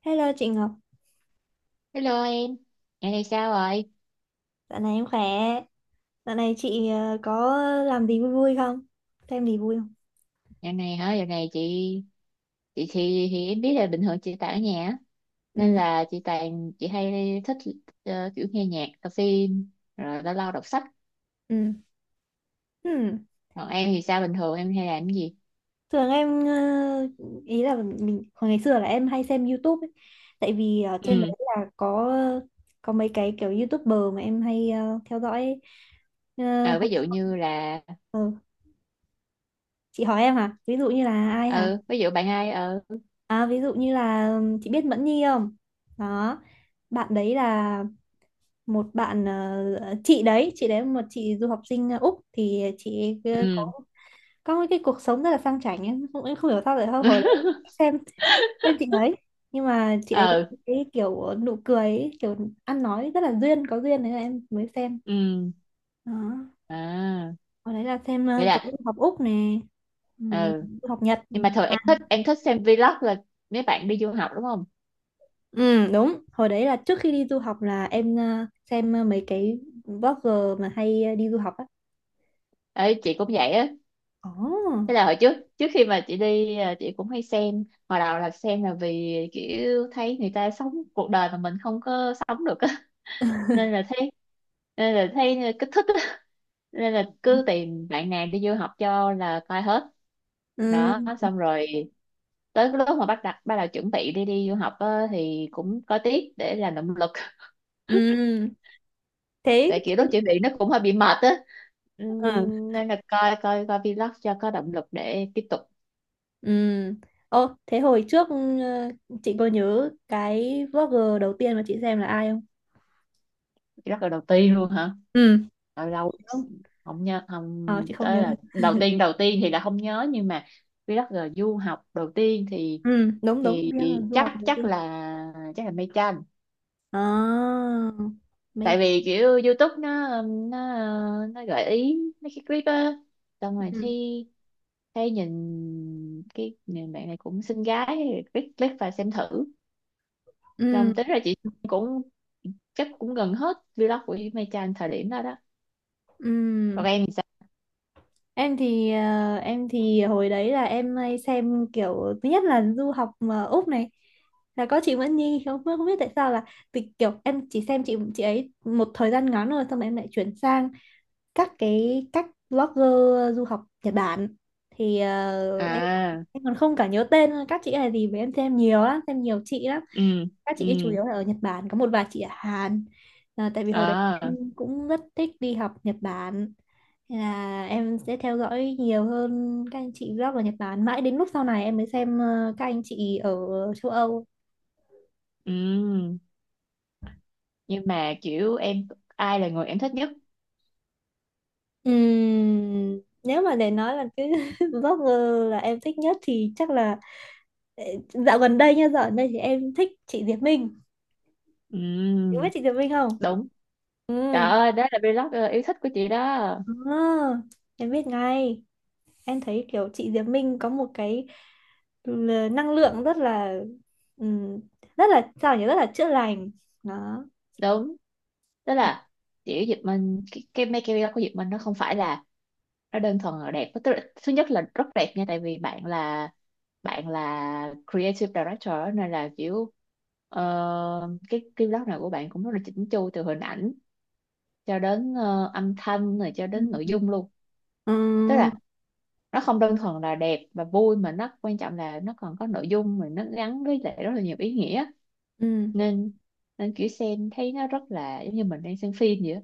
Hello chị Ngọc, Hello em, dạo này sao rồi? dạo này em khỏe. Dạo này chị có làm gì vui vui không? Thêm gì vui không? Dạo này hả? Dạo này chị thì em biết là bình thường chị tại ở nhà á. Nên Ừ, là chị hay thích kiểu nghe nhạc, coi phim, rồi lâu lâu đọc sách. ừ. Hmm. Còn em thì sao, bình thường em hay làm cái gì? Thường em ý là mình hồi ngày xưa là em hay xem YouTube ấy. Tại vì ở trên Ừ, đấy là có mấy cái kiểu YouTuber mà em hay theo dõi ấy. Ờ, ờ, ví hồi- dụ như là ờ, chị hỏi em hả? Ví dụ như là ai hả? ừ, ví dụ bạn ai À, ví dụ như là chị biết Mẫn Nhi không? Đó. Bạn đấy là một bạn, chị đấy một chị du học sinh Úc thì chị ấy có ừ có cái cuộc sống rất là sang chảnh ấy. Không em không hiểu sao lại hồi đấy xem xem chị ấy, nhưng mà chị đấy có ừ một cái kiểu nụ cười ấy, kiểu ăn nói rất là duyên có duyên đấy là em mới xem ừ đó. à, Hồi đấy là xem vậy có là du học Úc nè, ừm, ừ, du học Nhật. nhưng mà thường À, em thích xem vlog là mấy bạn đi du học đúng không? ừ, đúng hồi đấy là trước khi đi du học là em xem mấy cái blogger mà hay đi du học á. Ấy, chị cũng vậy á. Ồ. Thế là hồi trước trước khi mà chị đi à, chị cũng hay xem. Hồi đầu là xem là vì kiểu thấy người ta sống cuộc đời mà mình không có sống được á, nên là thấy nên là thấy kích thích á. Nên là cứ tìm bạn nào đi du học cho là coi hết. Đó, Ừ. xong rồi tới cái lúc mà bắt đầu chuẩn bị đi đi du học á, thì cũng có tiếc để làm động lực. Ừ, thế Tại kiểu lúc chuẩn bị nó cũng hơi bị mệt á. ừ. Nên là coi coi coi vlog cho có động lực để tiếp tục. Ừ. Ô, thế hồi trước chị có nhớ cái vlogger đầu tiên mà chị xem là ai không? Rất là đầu tiên luôn hả? Ừ. Lâu lâu Không. không nhớ, Ờ, không chị không tới nhớ đâu. là đầu tiên thì là không nhớ, nhưng mà vì rất là du học đầu tiên Ừ, đúng đúng, thì biết là du chắc học đầu tiên. Chắc là mây tranh. À, Tại mày. vì kiểu YouTube nó gợi ý mấy cái clip á, xong rồi thì Ừ. thấy nhìn cái nhìn bạn này cũng xinh gái, click click và xem thử. Ừ. Xong tính ra chị cũng chắc cũng gần hết vlog của mây tranh thời điểm đó đó. Ừ. Còn em thì sao? Em thì hồi đấy là em hay xem kiểu thứ nhất là du học mà Úc này là có chị Nguyễn Nhi không không biết tại sao là vì kiểu em chỉ xem chị ấy một thời gian ngắn, rồi xong rồi em lại chuyển sang các blogger du học Nhật Bản, thì ờ, em À, em còn không cả nhớ tên các chị này gì, với em xem nhiều lắm, xem nhiều chị lắm, ừ các ừ chị ấy chủ yếu là ở Nhật Bản có một vài chị ở Hàn. Ờ, tại vì hồi đấy em à cũng rất thích đi học Nhật Bản. Nên là em sẽ theo dõi nhiều hơn các anh chị blog ở Nhật Bản, mãi đến lúc sau này em mới xem các anh chị ở châu Âu. ừ. Nhưng mà kiểu em, ai là người em thích nhất? Nếu mà để nói là cái blogger là em thích nhất thì chắc là, Ờ, Dạo gần đây nha, dạo gần đây thì em thích chị Diệp Minh. Em biết Ừ, chị Diệp Minh không? đúng, trời Ừ. ơi, đó là vlog yêu thích của chị đó. À, em biết ngay. Em thấy kiểu chị Diệp Minh có một cái năng lượng rất là, ừm, rất là sao nhỉ, rất là chữa lành. Đó. Đúng, tức là kiểu Diệp Minh, cái make vlog của Diệp Minh nó không phải là, nó đơn thuần là đẹp, tức là, thứ nhất là rất đẹp nha, tại vì bạn là creative director á, nên là kiểu ờ, cái vlog nào của bạn cũng rất là chỉnh chu từ hình ảnh cho đến âm thanh rồi cho đến nội Ừ. dung luôn. Tức Ừ. là nó không đơn thuần là đẹp và vui, mà nó quan trọng là nó còn có nội dung mà nó gắn với lại rất là nhiều ý nghĩa. Ừ. Nên nên kiểu xem thấy nó rất là giống như mình đang xem phim vậy á,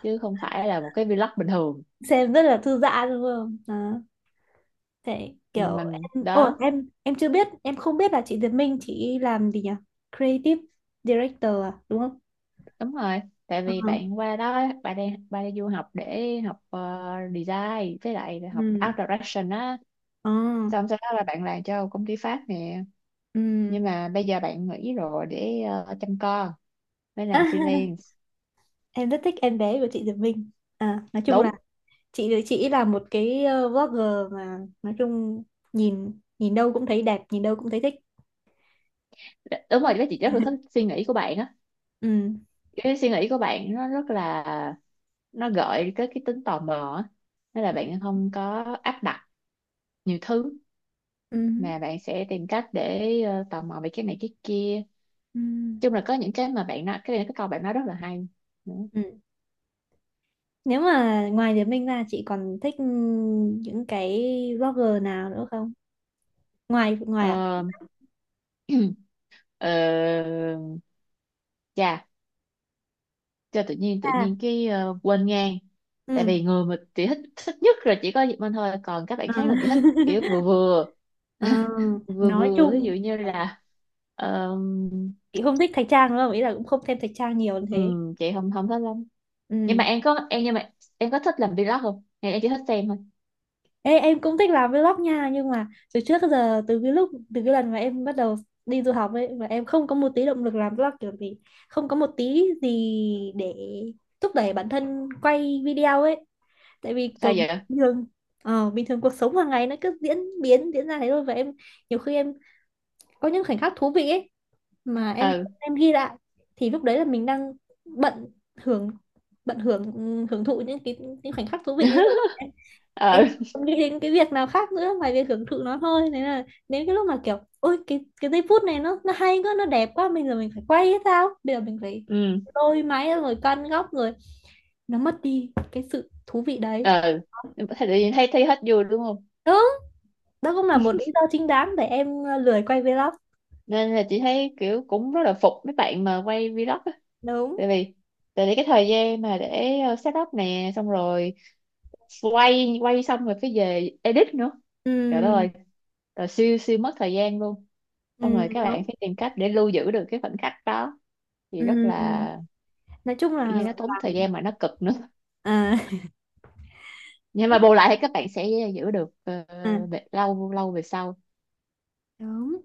chứ không phải là một cái vlog bình thường. Xem rất là thư giãn đúng không? Đó. Thế kiểu Mình em ồ đó. Em chưa biết, em không biết là chị Diệp Minh chị làm gì nhỉ? Creative director à, đúng không? Đúng rồi, tại Ờ. vì bạn qua đó bạn đang bạn đi du học để học design với lại học Ừ. art direction á. Ờ. Xong sau đó là bạn làm cho công ty Pháp nè, Ừ. nhưng mà bây giờ bạn nghỉ rồi để chăm con, mới làm freelance. Em rất thích em bé của chị Diệp Minh. À, nói chung là Đúng, chị là một cái vlogger mà nói chung nhìn nhìn đâu cũng thấy đẹp, nhìn đâu cũng thấy thích. đúng Ừ. rồi, bác chị rất là thích suy nghĩ của bạn á. Ừ. Cái suy nghĩ của bạn nó rất là, nó gợi tới cái tính tò mò á, nên là bạn không có áp đặt nhiều thứ, Ừ. mà bạn sẽ tìm cách để tò mò về cái này cái kia. Ừ. Chung là có những cái mà bạn nói, cái này cái câu bạn nói rất là hay. Đúng. Ừ. Nếu mà ngoài Diệp Minh ra chị còn thích những cái vlogger nào nữa không? Ngoài ngoài ạ? Ờ, ờ, chà, cho tự nhiên À, quên ngang. Tại ừ. vì người mà chị thích thích nhất là chỉ có Diệp Minh thôi, còn các bạn Ờ. khác là chị thích kiểu vừa vừa. Ờ, Vừa nói vừa, ví dụ chung như là ờm, chị không thích Thạch Trang đúng không? Ý là cũng không thêm Thạch Trang nhiều như thế. Chị không không thích lắm. Nhưng Ừ. mà em có thích làm vlog không, hay em chỉ thích xem thôi? Ê, em cũng thích làm vlog nha, nhưng mà từ trước tới giờ, từ cái lần mà em bắt đầu đi du học ấy, mà em không có một tí động lực làm vlog kiểu gì, không có một tí gì để thúc đẩy bản thân quay video ấy. Tại vì Sao kiểu vậy? bình thường cuộc sống hàng ngày nó cứ diễn biến diễn ra thế thôi. Và em, nhiều khi em có những khoảnh khắc thú vị ấy mà em Ừ, em ghi lại, thì lúc đấy là mình đang bận hưởng bận hưởng hưởng thụ những khoảnh khắc thú vị ấy rồi, em ừ không nghĩ đến cái việc nào khác nữa ngoài việc hưởng thụ nó thôi. Nên là đến cái lúc mà kiểu ôi cái giây phút này nó hay quá, nó đẹp quá, bây giờ mình phải quay hay sao, bây giờ mình phải ừ lôi máy ra rồi căn góc rồi, nó mất đi cái sự thú vị đấy. ừ. Thì tự nhiên thấy thấy hết vui đúng không. Đúng. Đó cũng là một lý do chính đáng để em lười quay vlog. Nên là chị thấy kiểu cũng rất là phục mấy bạn mà quay vlog á. Đúng. Tại vì tại vì cái thời gian mà để set up nè, xong rồi quay quay xong rồi cái về edit nữa, trời đất Ừ, ơi, rồi siêu siêu mất thời gian luôn. Xong ừ, rồi các đúng. bạn phải tìm cách để lưu giữ được cái khoảnh khắc đó thì rất Ừ. là Nói chung là kiểu như nó tốn thời làm. gian mà nó cực nữa. À, Nhưng mà bù lại thì các bạn sẽ giữ được à, về- lâu lâu về sau. đúng,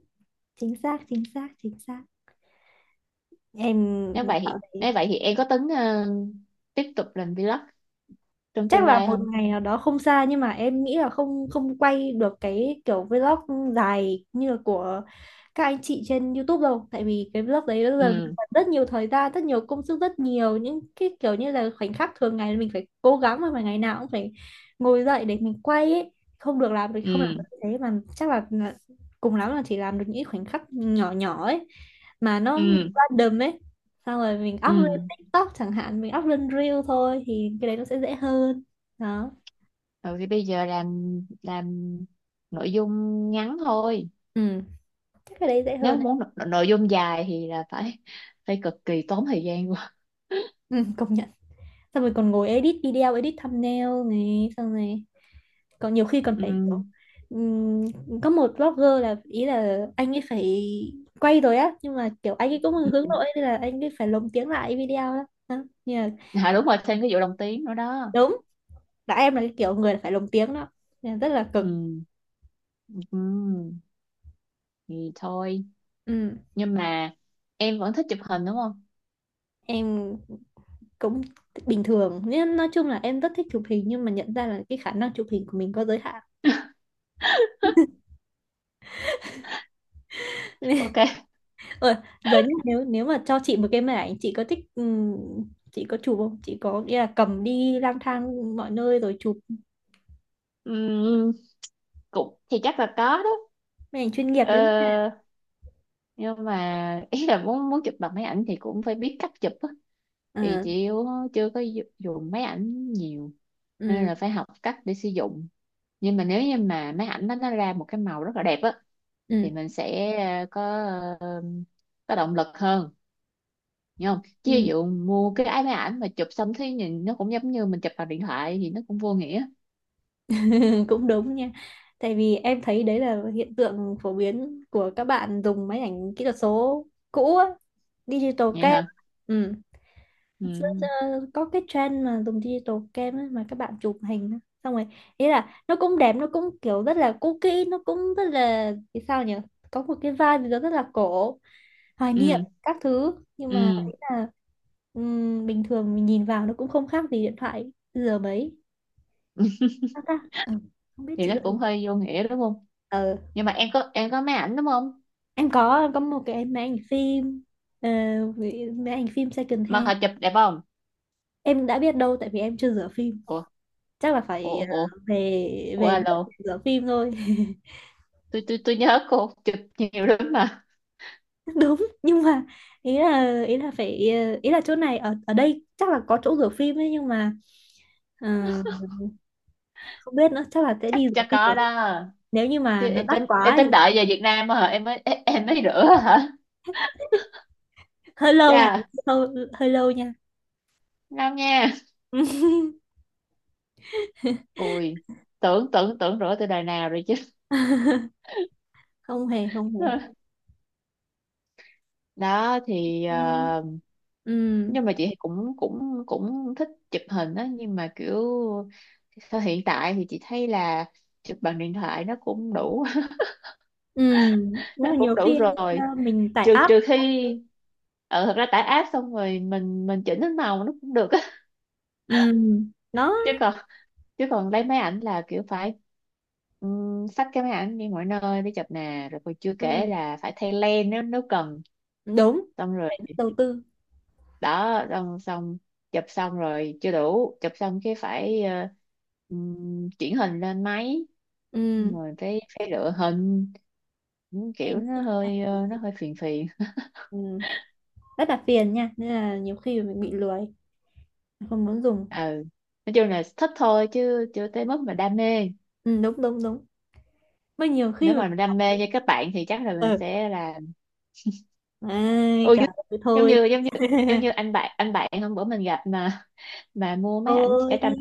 chính xác chính xác chính xác. Em nếu vậy thì cảm thấy nếu vậy thì em có tính tiếp tục làm vlog trong chắc tương là lai một không? ngày nào đó không xa, nhưng mà em nghĩ là không không quay được cái kiểu vlog dài như là của các anh chị trên YouTube đâu, tại vì cái vlog đấy nó dần Ừ mất rất nhiều thời gian, rất nhiều công sức, rất nhiều những cái kiểu như là khoảnh khắc thường ngày mình phải cố gắng, mà ngày nào cũng phải ngồi dậy để mình quay ấy. Không được làm thì không làm ừ được, thế mà chắc là cùng lắm là chỉ làm được những khoảnh khắc nhỏ nhỏ ấy, mà nó ừ random ấy, xong rồi mình up lên ừ. TikTok chẳng hạn, mình up lên Reel thôi thì cái đấy nó sẽ dễ hơn. Đó. Rồi thì bây giờ làm nội dung ngắn thôi. Ừ, chắc cái đấy dễ Nếu hơn đấy. muốn nội dung dài thì là phải phải cực kỳ tốn thời gian quá. Ừ, công nhận. Xong rồi còn ngồi edit video, edit thumbnail này, xong rồi còn nhiều khi còn Ừ. phải ừm, có một blogger là ý là anh ấy phải quay rồi á, nhưng mà kiểu anh ấy cũng hướng Ừ. nội nên là anh ấy phải lồng tiếng lại video đó, đó. Nhưng mà À, đúng rồi, thêm cái vụ đồng tiếng nữa đó. đúng là em là cái kiểu người là phải lồng tiếng đó, nên là rất là cực. Ừ. Ừ. Thì thôi, Ừ. nhưng mà em vẫn thích chụp hình đúng không? Em cũng bình thường nên nói chung là em rất thích chụp hình, nhưng mà nhận ra là cái khả năng chụp hình của mình có giới hạn. Ok, Ờ, giờ nhá, nếu nếu mà cho chị một cái máy ảnh chị có thích, chị có chụp không? Chị có nghĩa là cầm đi lang thang mọi nơi rồi chụp ừ. Cũng thì chắc là có đó. máy ảnh chuyên nghiệp đấy nhá. Ờ, nhưng mà ý là muốn muốn chụp bằng máy ảnh thì cũng phải biết cách chụp á, Ờ, thì chị yếu, chưa có dùng máy ảnh nhiều, nên ừ, là phải học cách để sử dụng. Nhưng mà nếu như mà máy ảnh nó ra một cái màu rất là đẹp á, thì ừ, mình sẽ có ờ, có động lực hơn, hiểu không. Chứ ví ừ. dụ mua cái máy ảnh mà chụp xong thấy nhìn nó cũng giống như mình chụp bằng điện thoại thì nó cũng vô nghĩa. Cũng đúng nha. Tại vì em thấy đấy là hiện tượng phổ biến của các bạn dùng máy ảnh kỹ thuật số cũ á, digital Vậy cam. hả? Ừ. Xưa giờ Ừ có cái trend mà dùng digital cam ấy, mà các bạn chụp hình á. Xong rồi ý là nó cũng đẹp, nó cũng kiểu rất là cookie, nó cũng rất là, thì sao nhỉ, có một cái vibe gì đó rất là cổ, hoài niệm ừ các thứ. Nhưng mà ừ. ý là bình thường mình nhìn vào nó cũng không khác gì điện thoại giờ mấy, sao ta. Ờ, không biết Thì chị nó có thử. cũng hơi vô nghĩa đúng không. ờ Nhưng mà em có, em có máy ảnh đúng không? em có một cái máy ảnh phim, ờ, máy ảnh phim second Mà hand. họ chụp đẹp không? Em đã biết đâu, tại vì em chưa rửa phim. Ủa, Chắc là ủa, phải ủa, về ủa, về alo, nước để rửa phim thôi. tôi nhớ cô chụp nhiều lắm mà. Đúng, nhưng mà ý là phải, ý là chỗ này ở ở đây chắc là có chỗ rửa phim ấy, nhưng mà ờ, không biết nữa, chắc là sẽ Chắc đi rửa cho phim có ở đây. đó. Nếu như Chứ mà nó em đắt tính em quá thì. tính đợi về Việt Nam á hả, em mới em mới rửa hả? Hơi lâu hả? Chà, Hơi lâu nha. ngon nha, ui, tưởng tưởng tưởng rửa từ đời nào rồi chứ. Không hề, không hề. Đó thì Ừ. ờ, Ừ. nhưng mà chị cũng cũng cũng thích chụp hình á, nhưng mà kiểu thời hiện tại thì chị thấy là chụp bằng điện thoại nó cũng đủ. Ừ. Nếu Thế mà cũng nhiều đủ khi rồi. Mình tải trừ app. trừ khi ờ, thật ra tải app xong rồi mình chỉnh cái màu nó cũng được á. Ừ. Đó. Chứ còn, chứ còn lấy máy ảnh là kiểu phải xách cái máy ảnh đi mọi nơi để chụp nè, rồi còn chưa kể Ừ. là phải thay lens nếu nếu cần. Đúng, Xong rồi phải đầu tư. đó, xong xong, chụp xong rồi chưa đủ, chụp xong cái phải chuyển hình lên máy. Xong Ừ. rồi phải phải lựa hình. Những kiểu nó hơi ờ, nó hơi phiền phiền. Ừ. Rất là phiền nha, nên là nhiều khi mình bị lười, không muốn dùng. Ừ, nói chung là thích thôi chứ chưa tới mức mà đam mê. Ừ, đúng đúng đúng, mà nhiều khi Nếu mình. mà mình đam mê như các bạn thì chắc là mình Ừ. sẽ là, Ai ừ, trời giống ơi, giống thôi. như giống như giống như anh bạn hôm bữa mình gặp mà mua mấy ảnh vẽ Thôi tranh. đi.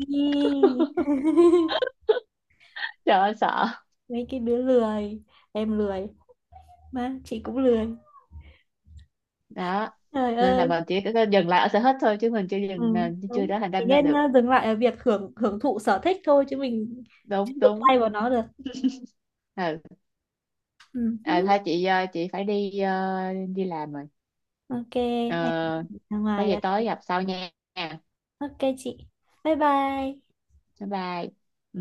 Trời ơi sợ. Mấy cái đứa lười, em lười mà chị cũng lười, Đó, trời nên là ơi. mình chỉ có dừng lại ở sở thích thôi, chứ Ừ, mình chưa đúng, trở thành thì đam mê nên được. dừng lại ở việc hưởng hưởng thụ sở thích thôi, chứ mình chứ Đúng, đụng đúng, tay vào nó được. ừ. Ừ. À, Hứ. thôi chị ờ, chị phải đi ờ, đi làm rồi. OK, Ờ, em ra có ngoài gì đây. tối gặp sau nha. OK chị, bye bye. Bye bye. Ừ.